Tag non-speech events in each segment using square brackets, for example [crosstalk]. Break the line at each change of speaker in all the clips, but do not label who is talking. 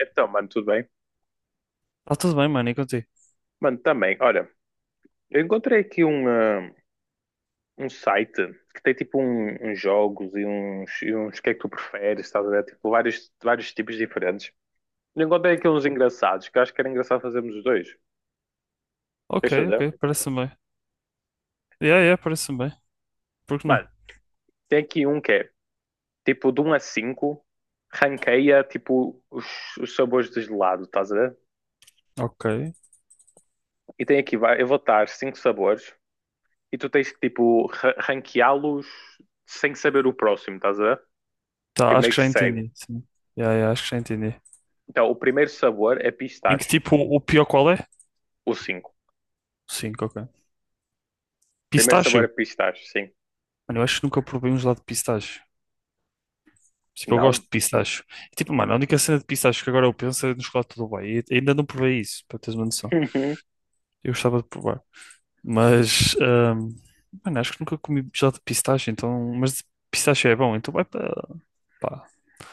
Então, mano, tudo bem?
Tá tudo bem, mano, e contigo?
Mano, também. Olha, eu encontrei aqui um site que tem tipo uns jogos e uns que é que tu preferes, estás a ver? Tipo, vários, vários tipos diferentes. Eu encontrei aqui uns engraçados, que eu acho que era engraçado fazermos os dois.
Ok,
Queres
ok,
fazer?
parece-me bem. Yeah, yeah, parece-me bem. Por que não?
Mano, tem aqui um que é tipo de um a 5 ranqueia tipo os sabores de gelado, estás a ver?
Ok.
E tem aqui, eu vou estar cinco sabores e tu tens que tipo ranqueá-los sem saber o próximo, estás a ver? Que
Tá, acho
meio
que
que
já
segue.
entendi. Sim. Yeah, yeah, acho que já entendi.
Então, o primeiro sabor é
Em que
pistache,
tipo o pior qual é?
o cinco.
5, ok.
Primeiro
Pistácio?
sabor é pistache, sim.
Mano, eu acho que nunca provei um gelado de pistácio. Tipo, eu gosto
Não?
de pistácio. E, tipo, mano, a única cena de pistácio que agora eu penso é no chocolate do Dubai. E ainda não provei isso, para teres uma noção.
Uhum.
Eu gostava de provar. Mas, mano, acho que nunca comi gelado de pistácio, então. Mas de pistácio é bom, então vai para pá,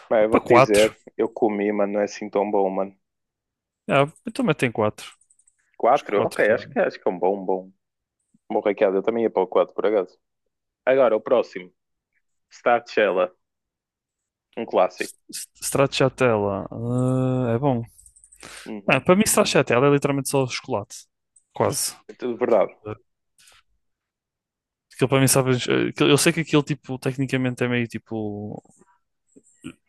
Pá, eu
para
vou-te
quatro.
dizer, eu comi, mano, não é assim tão bom, mano.
Ah, então metem 4. Os
4, ok,
4
acho
4.
que, acho que é um bom, um bom. Bom, Ricardo, eu também ia para o 4, por acaso. Agora, o próximo. Stracciatella, um clássico.
Stracciatella. É bom. Ah,
Uhum.
para mim, Stracciatella é literalmente só chocolate. Quase.
É tudo verdade.
Ah, aquilo para mim, sabe. Eu sei que aquilo, tipo, tecnicamente é meio tipo.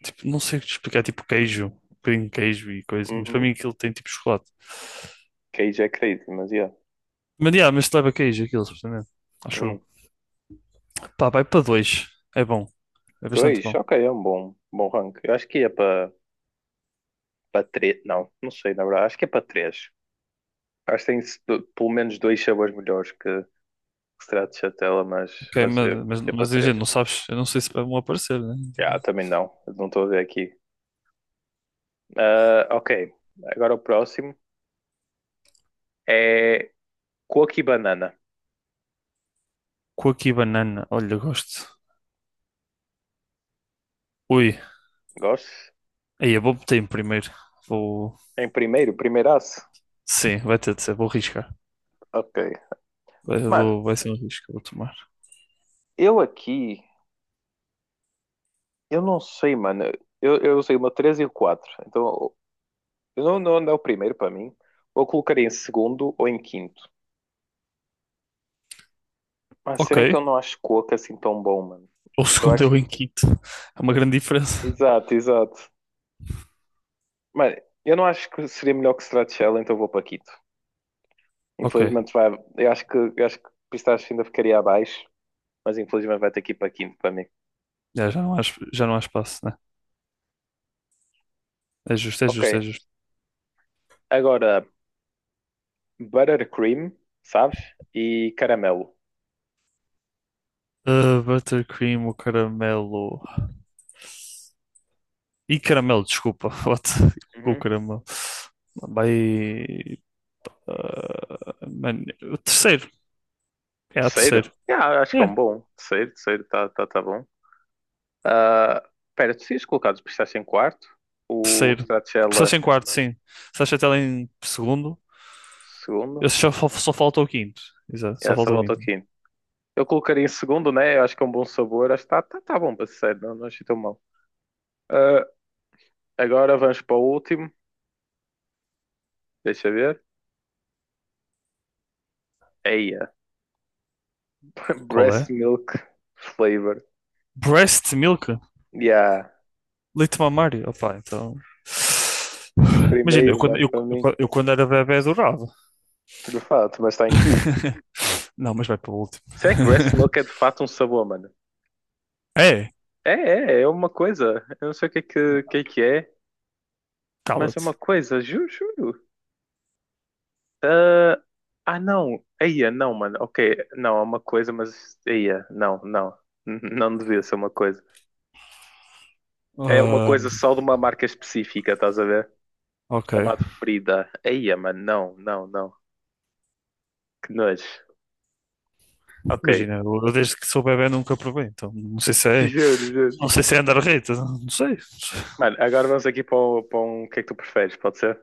Tipo, não sei explicar, tipo queijo. Um bocadinho de queijo e coisa. Mas para
Uhum.
mim, aquilo tem tipo chocolate.
Queijo é crazy, mas yeah.
Yeah, mas leva queijo, aquilo, supostamente. Acho eu.
Hum.
Pá, vai para dois. É bom. É bastante
Dois?
bom.
Ok, é um bom, bom rank. Eu acho que ia para três. Não, não sei, na verdade. Acho que é para 3. Acho que tem pelo menos dois sabores melhores que Retratos de tela, mas,
Ok,
mas
mas,
é,
mas,
é para
mas gente,
três.
não sabes. Eu não sei se vai vão aparecer, né?
Ah,
Tipo,
também não. Não estou a ver aqui. Ah, ok. Agora o próximo é Coco e Banana.
coco e banana. Olha, gosto. Ui.
Gosto?
Aí eu vou meter em primeiro. Vou.
Em primeiro, primeiraço.
Sim, vai ter de ser. Vou arriscar.
Ok.
Vai,
Mano,
vou- vai ser um risco que eu vou tomar.
eu aqui, eu não sei, mano. Eu usei uma 3 e o quatro. Então, eu não, não é o primeiro para mim. Ou colocaria em segundo ou em quinto. Mas será que
Ok.
eu não acho Coco assim tão bom, mano?
O
Então
segundo é
acho.
o em quinto. É uma grande diferença.
Exato, exato. Mano, eu não acho que seria melhor que Stracciatella, então vou para quinto.
Ok.
Infelizmente vai. Eu acho que Pistache ainda ficaria abaixo, mas infelizmente vai ter que ir para quinto para mim.
Já não há espaço, né? É justo, é
Ok.
justo, é justo.
Agora, Buttercream, sabes? E Caramelo.
Ah, buttercream, o caramelo. E caramelo, desculpa. [laughs] What? O
Uhum.
caramelo. Vai. ah, man, o terceiro. É, o
Terceiro?
terceiro.
Yeah, acho que é um
É,
bom. Terceiro, terceiro, tá, tá, tá bom. Ah, espera, tu tinhas colocado o Pistache em quarto, o
terceiro.
Stracciatella
Começaste em quarto, sim. Começaste até lá em segundo.
segundo,
Esse só falta o quinto. Exato,
e
só
essa
falta o
volta ao
quinto.
quinto. Eu colocaria em segundo, né? Eu acho que é um bom sabor, acho que tá, tá, tá bom para ser sério, não, não achei tão mal. Ah, agora vamos para o último, deixa eu ver. Aí, [laughs]
Qual
breast
é?
milk flavor.
Breast milk?
Yeah,
Leite mamário? Opá, então.
em
Imagina, eu
primeiro,
quando,
mano,
eu,
para mim.
eu- eu quando era bebê adorava.
De fato, mas está em quinto.
[laughs] Não, mas vai para o último.
Será que breast milk é
[laughs]
de fato um sabor, mano?
É,
É uma coisa. Eu não sei o que é que, mas é
cala-te.
uma coisa, juro, juro. Ah, ah, não. Eia, não, mano. Ok, não, é uma coisa, mas. Eia, não, não. [laughs] Não devia ser uma coisa. É uma
Ahm,
coisa só de uma marca específica, estás a ver?
ok.
Chamado Frida. Eia, mano, não, não, não. Que nojo. Ok,
Imagina, eu desde que sou bebê nunca provei, então não sei se
[laughs]
é.
juro, juro.
Não sei se é andar reta, não sei.
Mano, agora vamos aqui para um. O que é que tu preferes? Pode ser?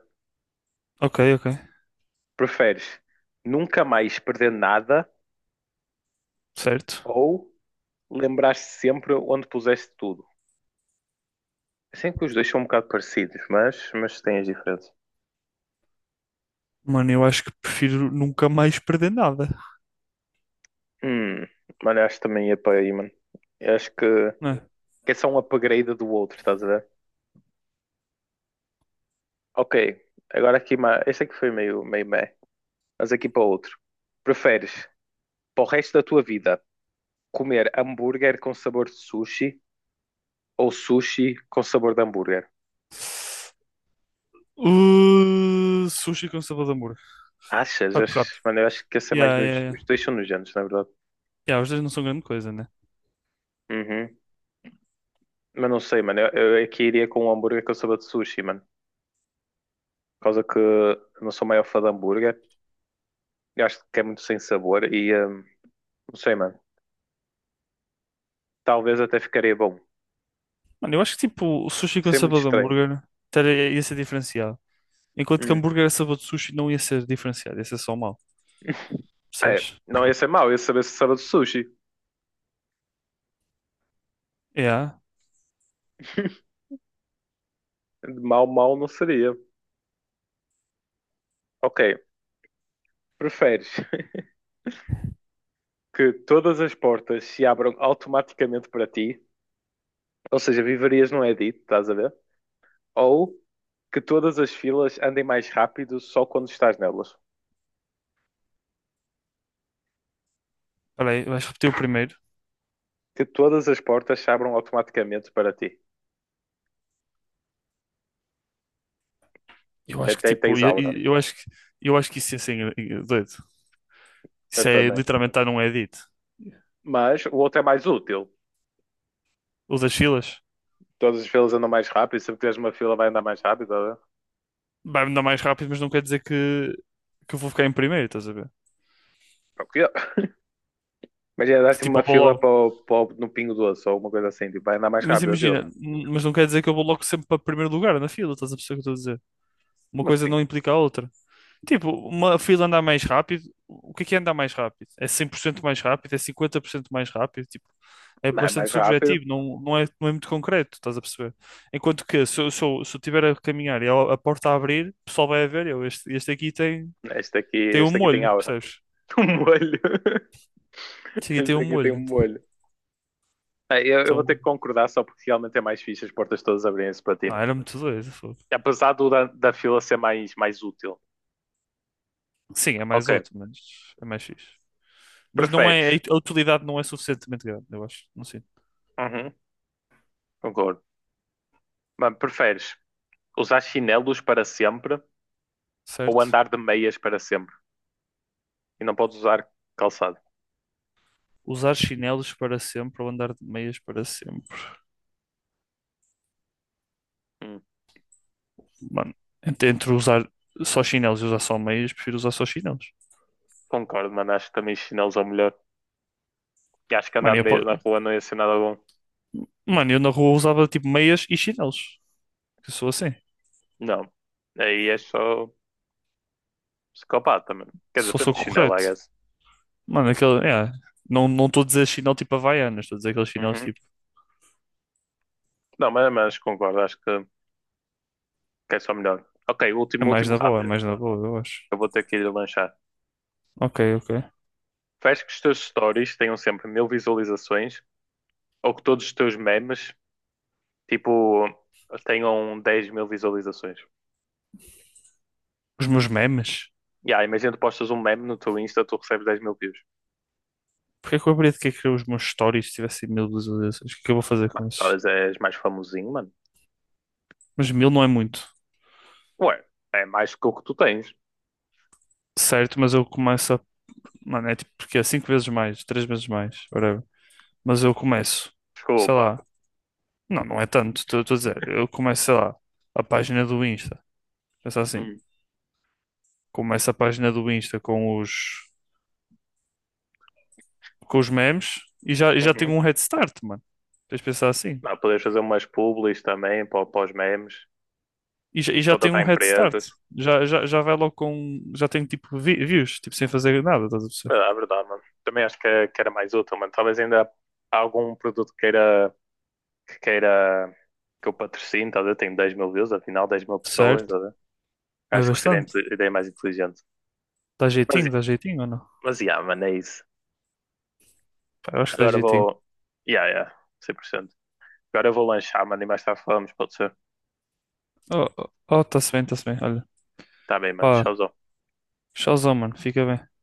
Ok, ok.
Preferes nunca mais perder nada
Certo.
ou lembrar-te sempre onde puseste tudo? Sei que os dois são um bocado parecidos, mas têm as diferenças.
Mano, eu acho que prefiro nunca mais perder nada,
Hum, mano, eu acho que também ia para aí, mano. Eu acho que,
né?
que é só um upgrade do outro, estás a ver? Ok, agora aqui. Este aqui foi meio meh. Mas aqui para outro. Preferes para o resto da tua vida comer hambúrguer com sabor de sushi ou sushi com sabor de hambúrguer?
Sushi com sabor de amor.
Achas?
Pato Rato.
Achas? Mano, eu acho que esse é mais
Yeah, yeah,
nos. Os
yeah.
dois são nojentos, na verdade.
Yeah, os dois não são grande coisa, né?
Uhum. Mas não sei, mano. Eu aqui iria com um hambúrguer que eu soube de sushi, mano. Por causa que eu não sou maior fã de hambúrguer. Eu acho que é muito sem sabor e, não sei, mano. Talvez até ficaria bom.
Mano, eu acho que tipo o sushi com
Seria muito
sabor de
estranho.
hambúrguer ia ser diferenciado. Enquanto que
Hum.
hambúrguer a sabor de sushi não ia ser diferenciado, ia ser só mal.
É,
Percebes?
não ia ser mau. Ia saber se sabe de sushi.
Yeah.
[laughs] Mal, mal não seria. Ok. Preferes [laughs] que todas as portas se abram automaticamente para ti? Ou seja, viverias num Edit, estás a ver? Ou que todas as filas andem mais rápido só quando estás nelas.
Espera aí, vais repetir o primeiro.
Que todas as portas se abram automaticamente para ti.
Eu acho que
Até
tipo,
tens
ia-
aura.
ia- eu acho que isso ia ser doido.
Eu
Isso é
também.
literalmente estar num edit.
Mas o outro é mais útil.
O das filas
Todas as filas andam mais rápido. Se tiveres uma fila, vai andar mais rápido, né?
vai-me dar mais rápido, mas não quer dizer que eu vou ficar em primeiro, estás a ver?
Para o quê? Imagina, dá-se
Tipo,
uma
eu vou
fila
logo.
no Pingo Doce ou uma coisa assim. Tipo, vai andar mais
Mas
rápido a fila.
imagina, mas não quer dizer que eu vou logo sempre para primeiro lugar na fila, estás a perceber o que eu estou a dizer? Uma
Como
coisa
assim?
não implica a outra. Tipo, uma fila andar mais rápido, o que é andar mais rápido? É 100% mais rápido? É 50% mais rápido? Tipo, é
Não é
bastante
mais rápido.
subjetivo, não é muito concreto, estás a perceber? Enquanto que se eu tiver a caminhar e a porta a abrir, o pessoal vai a ver, este aqui tem,
Este aqui,
tem um
este aqui tem
molho,
aura.
percebes?
[laughs] Um molho.
Este aqui tem um
Este aqui tem um
molho.
molho. Ah, eu vou ter
Então,
que concordar só porque realmente é mais fixe as portas todas abrirem-se para ti,
não, era muito doido. Fogo.
apesar da fila ser mais útil.
Sim, é
Ok.
mais útil, mas é mais fixe. Mas não é,
Preferes?
a utilidade não é suficientemente grande, eu acho. Não sei.
Uhum, concordo. Mas preferes usar chinelos para sempre ou
Certo?
andar de meias para sempre? E não podes usar calçado.
Usar chinelos para sempre ou andar de meias para sempre?
Hum,
Mano, entre usar só chinelos e usar só meias, prefiro usar só chinelos.
concordo, mano. Acho que também chinelos é o melhor. E acho que andar
Mano,
de meias na
yeah.
rua não ia ser nada bom.
Mano, eu na rua usava tipo meias e chinelos. Eu sou assim.
Não. Aí é só psicopata, mano. Quer dizer,
Só sou
tanto chinelo, I
correto.
guess.
Mano, aquele. É, não estou a dizer chinelo tipo Havaianas, estou a dizer aqueles chinelos
Uhum.
tipo.
Não, mas concordo. Acho que é só melhor. Ok,
É
último,
mais
último
na boa, é
rápido.
mais na boa, eu acho.
Eu vou ter que ir lanchar.
Ok, ok.
Faz que os teus stories tenham sempre 1.000 visualizações, ou que todos os teus memes, tipo, tenham 10.000 visualizações.
Os meus memes?
Yeah, imagina tu postas um meme no teu Insta, tu recebes 10.000 views.
Porquê que eu haveria de querer criar os meus stories se tivessem mil visualizações? O que é que eu vou fazer
Mano,
com esses?
talvez és mais famosinho, mano.
Mas mil não é muito.
Ué, é mais que o que tu tens.
Certo, mas eu começo a. Mano, é tipo, porque é cinco vezes mais, três vezes mais, whatever. Mas eu começo, sei
Desculpa.
lá, não, não é tanto, estou a dizer, eu começo, sei lá, a página do Insta, pensa assim,
Hum.
começo a página do Insta com os memes já tenho
Uhum.
um head start, mano. Tens de pensar assim.
Não, podes fazer umas publis também para os memes,
E já tenho
contratar
um head start.
empresas.
Já vai logo já tenho tipo views, tipo sem fazer nada, estás a
É
perceber?
é verdade, mano. Também acho que era mais útil, mano. Talvez ainda há algum produto que queira, que eu patrocine, tá a ver? Tenho 10 mil views, afinal, 10.000 pessoas,
Certo?
tá a ver?
É
Acho que seria a
bastante.
ideia mais inteligente. Mas,
Dá jeitinho ou não?
mas, yeah, mano, é isso.
Pá, eu acho que dá
Agora
jeitinho.
vou. Yeah, yeah, 100%. Agora eu vou lanchar, mano, e mais tarde falamos, pode ser?
Oh, oh, oh, tá-se bem, olha.
Tá bem, mano,
Pá,
tchauzão.
showzão, mano. Fica bem.